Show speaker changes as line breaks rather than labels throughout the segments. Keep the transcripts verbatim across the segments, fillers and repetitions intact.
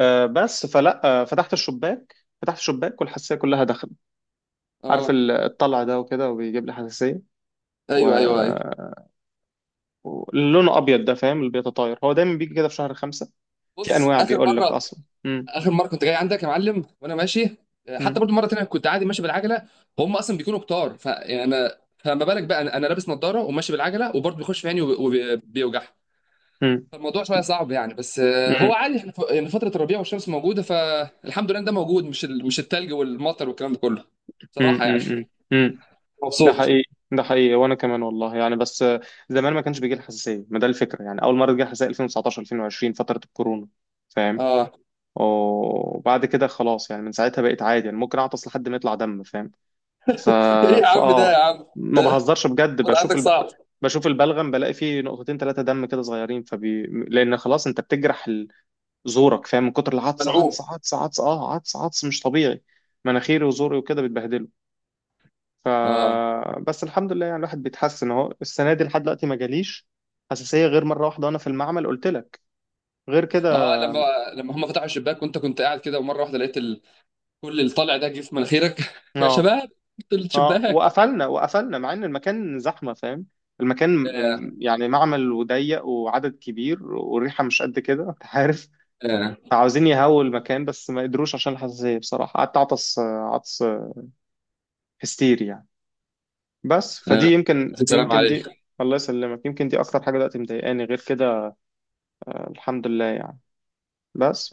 آه، بس فلا آه، فتحت الشباك فتحت الشباك والحساسيه كلها دخلت. عارف
اه.
ال- الطلع ده وكده وبيجيب لي حساسيه و...
ايوه، ايوه، ايوه.
لونه ابيض ده، فاهم؟ اللي بيتطاير هو دايما بيجي كده في شهر خمسة، في
بص،
انواع،
اخر
بيقول لك
مره
اصلا امم
اخر مره كنت جاي عندك يا معلم وانا ماشي. آه، حتى
امم
برضو مره تانية كنت عادي ماشي بالعجله. هم اصلا بيكونوا كتار، فانا فما بالك بقى انا أنا لابس نظاره وماشي بالعجله وبرضو بيخش في عيني وبيوجع.
امم
فالموضوع شويه صعب يعني، بس آه، هو عادي. احنا ف- يعني فتره الربيع والشمس موجوده، فالحمد لله إن ده موجود، مش ال- مش التلج والمطر والكلام ده كله،
امم
صراحه يعني.
امم امم ده
مبسوط.
حقيقي. ده حقيقي وانا كمان، والله يعني. بس آه، زمان ما كانش بيجي لي حساسيه، ما ده الفكره يعني، اول مره جه حساسيه ألفين وتسعة عشر ألفين وعشرين فتره الكورونا، فاهم؟
اه.
وبعد كده خلاص يعني، من ساعتها بقيت عادي، يعني ممكن اعطس لحد ما يطلع دم، فاهم؟ ف...
ايه يا عم ده؟ يا
فاه
عم
ما
ده
بهزرش بجد.
الوضع
بشوف
عندك
الب...
صعب،
بشوف البلغم بلاقي فيه نقطتين ثلاثه دم كده صغيرين فبي... لان خلاص انت بتجرح ال- زورك، فاهم؟ من كتر العطس، عطس
ملعوب.
عطس عطس اه عطس عطس مش طبيعي. مناخيري وزوري وكده بيتبهدلوا. ف
اه،
بس الحمد لله يعني، الواحد بيتحسن اهو. السنه دي لحد دلوقتي ما جاليش حساسيه غير مره واحده وانا في المعمل، قلت لك. غير كده
اه. لما لما هم فتحوا الشباك وانت كنت قاعد كده ومره واحده لقيت ال... كل اللي طالع ده جه في مناخيرك. يا
اه.
شباب، قلت
اه،
الشباك.
وقفلنا. وقفلنا مع ان المكان زحمه، فاهم؟ المكان
آه،
م- يعني معمل وضيق وعدد كبير والريحه مش قد كده، انت عارف.
آه،
عاوزين يهووا المكان بس ما قدروش عشان الحساسيه. بصراحه قعدت اعطس عطس هستيري يعني. بس فدي
آه.
يمكن،
السلام
يمكن دي
عليك.
الله يسلمك، يمكن دي اكتر حاجه دلوقتي مضايقاني غير كده. الحمد لله يعني.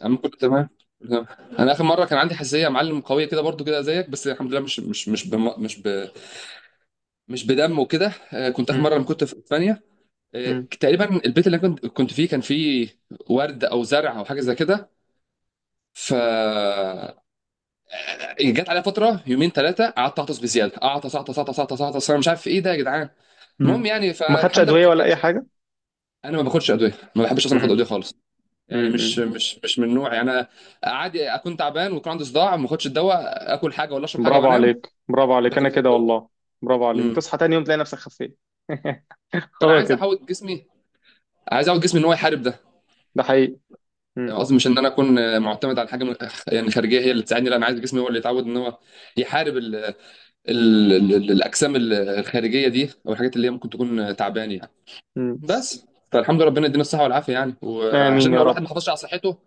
يا عم كله تمام، كله تمام. انا اخر مره كان عندي حساسيه يا معلم، قويه كده برضو كده زيك، بس الحمد لله مش مش مش بم... مش ب... مش بدم وكده. آه، كنت اخر
مم.
مره لما كنت في اسبانيا. آه
مم.
تقريبا البيت اللي أنا كنت كنت فيه كان فيه ورد او زرع او حاجه زي كده. ف جت عليا فتره يومين ثلاثه قعدت اعطس بزياده، اعطس اعطس اعطس اعطس اعطس، انا مش عارف ايه ده يا جدعان. المهم
مم.
يعني
ما خدش
فالحمد لله
ادويه ولا
كانت.
اي حاجه.
انا ما باخدش ادويه، ما بحبش اصلا اخد
مم.
ادويه خالص. يعني
مم. مم.
مش مش مش من نوعي انا. عادي اكون تعبان ويكون عندي صداع، ما اخدش الدواء، اكل حاجه ولا اشرب حاجه
برافو
وانام
عليك، برافو عليك،
بدل
انا
ما اخد
كده
الدواء
والله. برافو عليك،
امم
تصحى تاني يوم تلاقي نفسك خفيت.
فانا
هو
عايز
كده.
احاول جسمي، عايز اعود جسمي ان هو يحارب ده.
ده حقيقي.
يعني
مم.
قصدي مش ان انا اكون معتمد على حاجه من- يعني خارجيه هي اللي تساعدني، لا، انا عايز جسمي هو اللي يتعود ان هو يحارب ال ال ال الاجسام الخارجيه دي، او الحاجات اللي هي ممكن تكون تعبان يعني.
مم.
بس، فالحمد لله، ربنا يدينا الصحه والعافيه يعني،
آمين
وعشان
يا
لو الواحد
رب.
ما حافظش على صحته،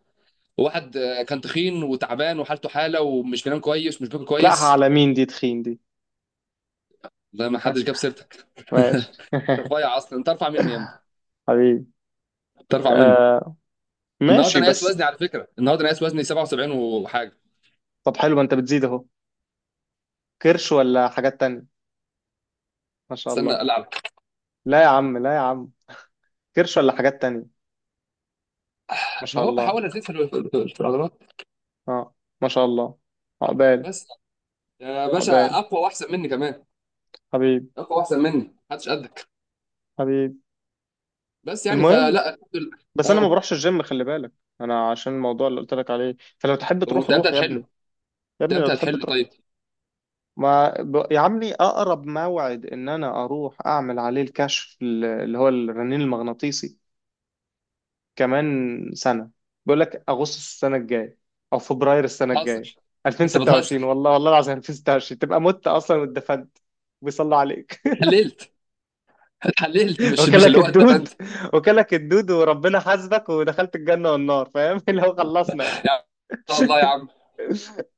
وواحد آه، كان تخين وتعبان وحالته حاله ومش بينام كويس ومش باكل
تلاقها
كويس.
على مين دي تخين دي.
ده ما حدش جاب سيرتك.
ماشي
انت رفيع اصلا، انت ارفع مني يا ابني،
حبيبي.
انت ارفع مني.
آه.
النهارده
ماشي
انا قايس وزني،
بس.
على فكره، النهارده انا قايس وزني سبعة وسبعين وحاجه.
طب حلو، ما انت بتزيد اهو. كرش ولا حاجات تانية، ما شاء
استنى،
الله.
العب.
لا يا عم، لا يا عم. كرش ولا حاجات تانية، ما شاء
اهو
الله.
بحاول ازيد في ال- في العضلات.
اه، ما شاء الله. عقبال.
بس يا باشا،
عقبال.
اقوى واحسن مني كمان،
حبيبي.
اقوى واحسن مني، محدش قدك.
حبيبي.
بس يعني
المهم،
فلا، الحمد لله.
بس انا ما
اه.
بروحش الجيم، خلي بالك. انا عشان الموضوع اللي قلت لك عليه. فلو تحب تروح،
وانت امتى
روح يا
هتحله؟
ابني. يا
انت
ابني لو
امتى
تحب
هتحله
تروح.
طيب؟
ما ب- يا عمي اقرب موعد ان انا اروح اعمل عليه الكشف ال- اللي هو الرنين المغناطيسي كمان سنه. بيقول لك اغسطس السنه الجايه او فبراير السنه الجايه
بتهزر. انت
ألفين وستة وعشرين.
بتهزر.
والله، والله العظيم ألفين وستة وعشرين تبقى مت اصلا واتدفنت، بيصلى عليك
اتحللت، اتحللت، مش مش
وكلك
اللي هو
الدود.
اتدفنت.
وكلك الدود وربنا حاسبك ودخلت الجنه والنار، فاهم؟ اللي هو خلصنا يعني.
يا عم، ان شاء الله يا عم،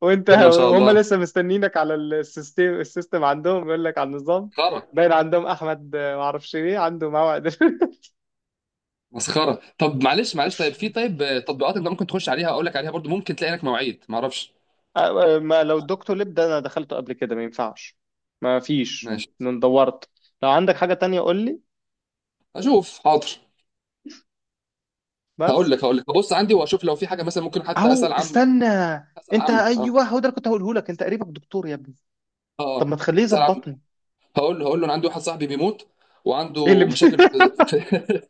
وانت.
خيرنا ان شاء
وهم
الله.
لسه مستنينك على السيستم. السيستم عندهم بيقول لك على النظام.
مسخره،
باين عندهم احمد آه، ما اعرفش ايه عنده موعد.
مسخره. طب معلش، معلش. طيب في، طيب آه، تطبيقات انت ممكن تخش عليها، اقول لك عليها برضو، ممكن تلاقي لك مواعيد، ما اعرفش.
آه، ما لو الدكتور لب ده انا دخلته قبل كده، ما ينفعش. ما فيش.
ماشي،
انا دورت. لو عندك حاجة تانية قول لي.
اشوف، حاضر. هقول
بس.
لك هقول لك هبص عندي واشوف لو في حاجه، مثلا ممكن حتى
او
اسال عمي.
استنى،
اسال
انت
عمي، اه،
ايوه هو ده اللي كنت هقوله لك، انت قريبك دكتور يا ابني.
اه،
طب
آه.
ما تخليه
اسال عمي.
يظبطني.
هقول له هقول له انا عندي واحد صاحبي بيموت،
ايه اللي
وعنده
بي...
مشاكل في في-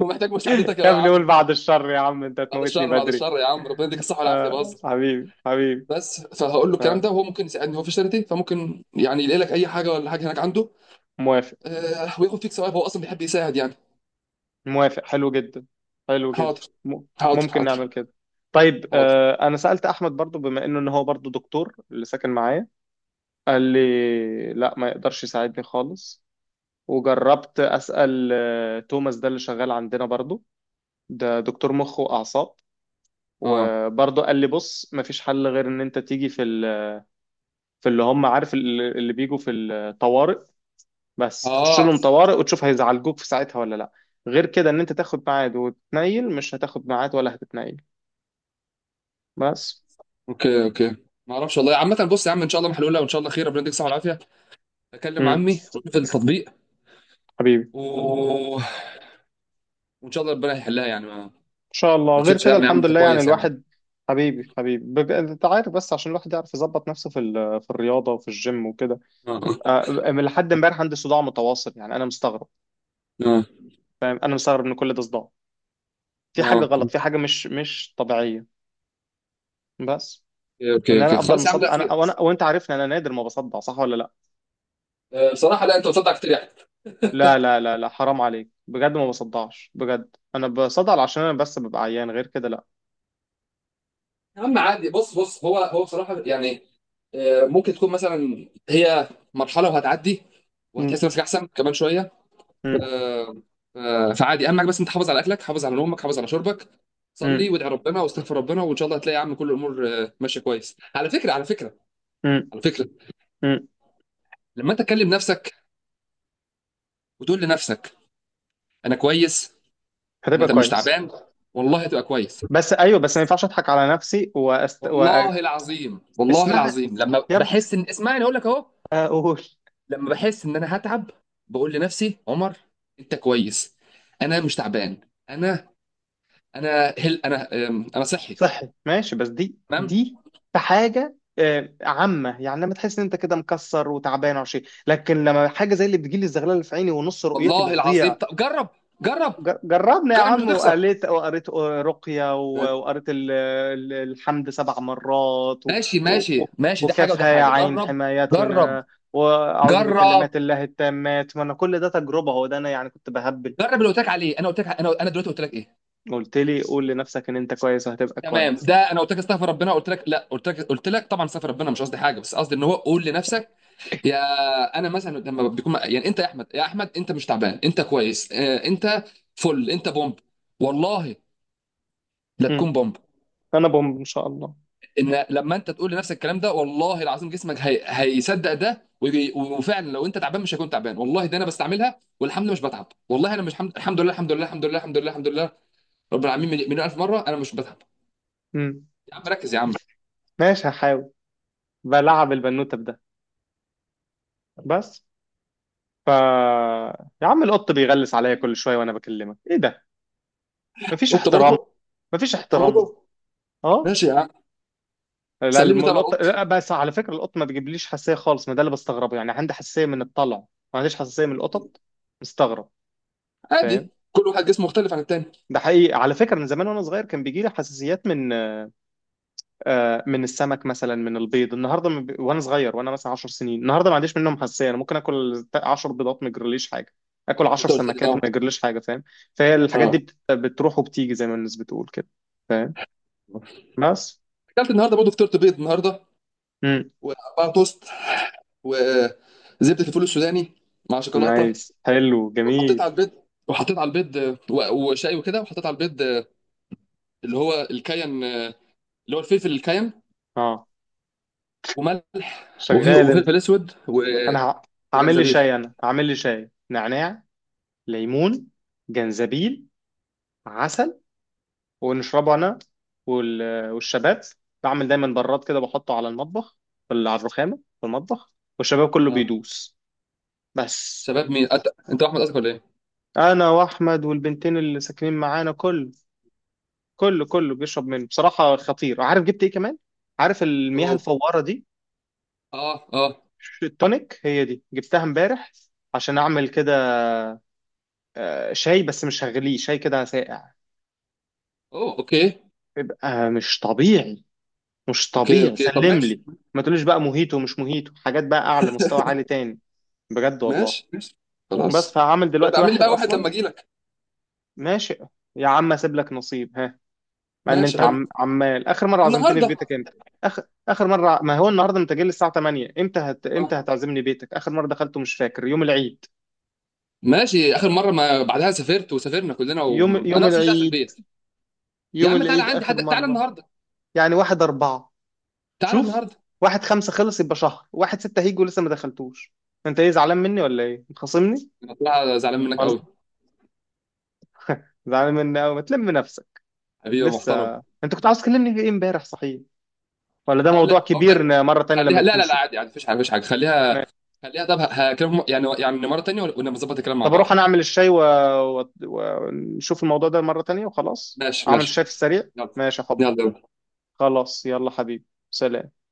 ومحتاج مساعدتك
يا
يا
ابني قول
عم.
بعد الشر يا عم، انت
بعد
هتموتني
الشر، بعد
بدري.
الشر يا عم، ربنا يديك الصحه والعافيه،
آه
بهزر.
حبيبي، حبيبي.
بس فهقول له الكلام
آه.
ده، وهو ممكن يساعدني، هو في شركتي، فممكن يعني يلاقي لك اي حاجه ولا حاجه هناك عنده.
موافق.
آه، وياخد فيك ثواب، هو اصلا بيحب يساعد يعني.
موافق حلو جدا. حلو جدا
حاضر،
م-
حاضر،
ممكن
حاضر،
نعمل كده. طيب
حاضر.
آه، انا سألت احمد برضو بما انه ان هو برضو دكتور، اللي ساكن معايا. قال لي لا، ما يقدرش يساعدني خالص. وجربت اسأل آه، توماس ده اللي شغال عندنا برضو، ده دكتور مخ واعصاب.
اه،
وبرضو قال لي بص، ما فيش حل غير ان انت تيجي في ال- في اللي هم، عارف ال- اللي بيجوا في الطوارئ. بس تخش
اه.
لهم طوارئ وتشوف هيزعلجوك في ساعتها ولا لا. غير كده ان انت تاخد ميعاد وتتنيل، مش هتاخد ميعاد ولا هتتنيل. بس.
اوكي، اوكي. ما اعرفش والله. عامة بص يا عم، ان شاء الله محلولة، وان شاء الله خير، ربنا يديك الصحة والعافية. اكلم
مم.
عمي واشوف التطبيق.
حبيبي ان
و... وان شاء الله ربنا يحلها يعني. ما,
شاء الله.
ما
غير
تشيلش
كده
هم يا عم،
الحمد
انت
لله يعني
كويس يا عم.
الواحد. حبيبي، حبيبي. بب... انت عارف بس عشان الواحد يعرف يظبط نفسه في ال... في الرياضه وفي الجيم وكده.
اه،
آه، من لحد امبارح عندي صداع متواصل، يعني انا مستغرب.
اه،
انا مستغرب ان كل ده صداع. في
اه.
حاجه
اوكي،
غلط، في حاجه مش مش طبيعيه. بس.
اوكي،
ان
اوكي،
انا افضل
خلاص يا عم، لا
مصدع انا،
خير.
وانا وانت عارفني انا نادر ما بصدع، صح ولا لا؟
آه، بصراحة لا، انت بتصدق كتير يعني.
لا لا، لا لا حرام عليك بجد، ما بصدعش بجد. انا بصدع عشان انا بس ببقى عيان، غير كده لا.
يا عم عادي، بص، بص، هو هو بصراحة يعني. آه، ممكن تكون مثلا هي مرحلة وهتعدي وهتحس
مم.
نفسك احسن كمان شوية.
مم.
آه، آه، فعادي، اهم حاجه بس انت حافظ على اكلك، حافظ على نومك، حافظ على شربك، صلي
مم.
وادعي ربنا واستغفر ربنا، وان شاء الله هتلاقي يا عم كل الامور آه، ماشيه كويس. على فكره، على فكره،
مم.
على فكره،
مم.
لما انت تكلم نفسك وتقول لنفسك انا كويس، انا
هتبقى
ت- مش
كويس.
تعبان، والله هتبقى كويس.
بس ايوه، بس ما ينفعش اضحك على نفسي وأست...
والله العظيم، والله
واسمعها.
العظيم، لما
يبقى
بحس ان، اسمعني، اقول لك اهو،
اقول.
لما بحس ان انا هتعب بقول لنفسي: عمر انت كويس، انا مش تعبان، انا انا هل انا، آم، انا صحي.
صحي ماشي. بس دي،
تمام.
دي في حاجه آه، عامه يعني لما تحس ان انت كده مكسر وتعبان او شيء. لكن لما حاجه زي اللي بتجيلي الزغلله اللي في عيني ونص رؤيتي
والله العظيم،
بتضيع.
طب جرب، جرب،
ج- جربنا يا
جرب، مش
عم.
هتخسر.
وقريت. وقريت رقيه و- وقريت ال- ال- الحمد سبع مرات و...
ماشي،
و...
ماشي، ماشي، ده حاجه وده
وكافها يا
حاجه،
عين
جرب. جرب،
حمايتنا. واعوذ
جرب،
بكلمات الله التامات. ما انا كل ده تجربه، هو ده انا يعني كنت بهبل.
جرب اللي قلت لك عليه. انا قلت لك، انا انا دلوقتي قلت لك ايه؟
قلت لي قول لنفسك ان انت كويس وهتبقى
تمام.
كويس.
ده انا قلت لك استغفر ربنا، قلت لك لا، قلت لك قلت لك طبعا استغفر ربنا، مش قصدي حاجه، بس قصدي ان هو قول لنفسك، يا انا مثلا لما بتكون يعني، انت يا احمد، يا احمد، انت مش تعبان، انت كويس، آه، انت فل، انت بومب، والله، لا
امم.
تكون بومب.
انا بومب ان شاء الله.
ان لما انت تقول لنفسك الكلام ده، والله العظيم، جسمك هي... هيصدق ده، وي- وفعلا لو انت تعبان مش هيكون تعبان. والله ده انا بستعملها والحمد لله مش بتعب، والله انا مش حمد... الحمد لله، الحمد لله، الحمد لله، الحمد لله، الحمد لله رب العالمين، مليون مليون الف مره، انا مش بتعب.
امم.
يا عم ركز يا عم.
ماشي هحاول. بلعب البنوتة بده. بس. ف يا عم القط بيغلس عليا كل شوية وانا بكلمك، ايه ده؟ مفيش
وانت
احترام.
برضه،
مفيش
انت
احترام.
برضه.
اه.
ماشي يا عم.
لا،
سلمني
الم-
طبعا
القط
القط.
لا. بس على فكرة القط ما بيجيبليش حساسية خالص، ما ده اللي بستغربه يعني. عندي حساسية من الطلع، ما عنديش حساسية من القطط. مستغرب، فاهم؟
عادي، كل واحد جسمه مختلف عن التاني.
ده حقيقي. على فكرة من زمان وانا صغير كان بيجي لي حساسيات من آه، من السمك مثلا، من البيض. النهارده من ب... وانا صغير، وانا مثلا 10 سنين. النهارده ما عنديش منهم حساسيه، انا ممكن اكل 10 بيضات ما يجرليش حاجه، اكل 10
انت قلت لي،
سمكات وما
اه،
يجرليش حاجه، فاهم؟ فهي الحاجات دي
اه.
بت... بتروح وبتيجي زي ما الناس بتقول كده، فاهم؟ بس.
اكلت النهارده برضه، فطرت بيض النهارده،
امم.
واربعه توست، وزبده الفول السوداني مع شوكولاته.
نايس، حلو
وحطيت
جميل.
على البيض، وحطيت على البيض، و- وشاي وكده. وحطيت على البيض اللي هو الكاين، اللي هو الفلفل الكاين،
اه،
وملح، وف-
شغال انت.
وفلفل اسود، و-
انا ه... هعمل لي
وجنزبيل.
شاي. انا هعمل لي شاي نعناع، ليمون، جنزبيل، عسل، ونشربه انا وال- والشباب. بعمل دايما براد كده بحطه على المطبخ، في ال- على الرخامه في المطبخ، والشباب كله
اه.
بيدوس. بس.
شباب مين، أت... انت احمد قصدك ولا ايه؟
انا واحمد والبنتين اللي ساكنين معانا، كله كله كله بيشرب منه. بصراحه خطير. عارف جبت ايه كمان؟ عارف المياه
اوه،
الفواره دي،
اه، اه.
التونيك هي دي، جبتها امبارح عشان اعمل كده آه، شاي، بس مش هغليه، شاي كده ساقع.
اوه، اوكي،
بيبقى مش طبيعي، مش
اوكي.
طبيعي،
اوكي طب
سلم
ماشي.
لي. ما تقوليش بقى موهيتو، مش موهيتو، حاجات بقى اعلى مستوى، عالي تاني، بجد والله.
ماشي، ماشي،
بس
خلاص.
فهعمل
بقى
دلوقتي
اعمل لي
واحد
بقى واحد
اصلا.
لما اجي لك.
ماشي يا عم اسيب لك نصيب، ها. مع ان
ماشي،
انت
حلو.
عم، عمال، اخر مره عزمتني في
النهارده.
بيتك امتى؟ اخر اخر مره ع- ما هو النهارده انت جاي لي الساعه تمانية، امتى هت... امتى
آه.
هتعزمني بيتك؟ اخر مره دخلته مش فاكر، يوم العيد.
ماشي، اخر مره ما بعدها سافرت وسافرنا كلنا،
يوم يوم
وانا اصلا مش قاعد في
العيد.
البيت. يا
يوم
عم تعالى
العيد
عندي، حد
اخر
تعالى
مره.
النهارده،
يعني واحد اربعة.
تعالى
شوف،
النهارده.
واحد خمسة خلص، يبقى شهر واحد ستة هيجي ولسه ما دخلتوش. انت ايه زعلان مني ولا ايه، متخاصمني؟
انا طلع زعلان منك
والله
قوي.
زعلان مني أوي، ما تلم نفسك.
حبيبي يا محترم.
لسه. انت كنت عاوز تكلمني في ايه امبارح صحيح، ولا ده
هقول
موضوع
لك هقول
كبير
لك
ن- مرة تانية
خليها.
لما
لا، لا، لا،
نشوف؟
عادي، عادي، مفيش حاجه، مفيش حاجه، خليها،
ماشي.
خليها. طب هكلمهم يعني يعني مره تانية ونبقى نظبط الكلام مع
طب اروح
بعض.
انا اعمل الشاي و... و... ونشوف الموضوع ده مرة تانية، وخلاص
ماشي،
اعمل
ماشي.
الشاي في السريع.
يلا،
ماشي يا حب.
يلا، يلا.
خلاص يلا حبيبي، سلام.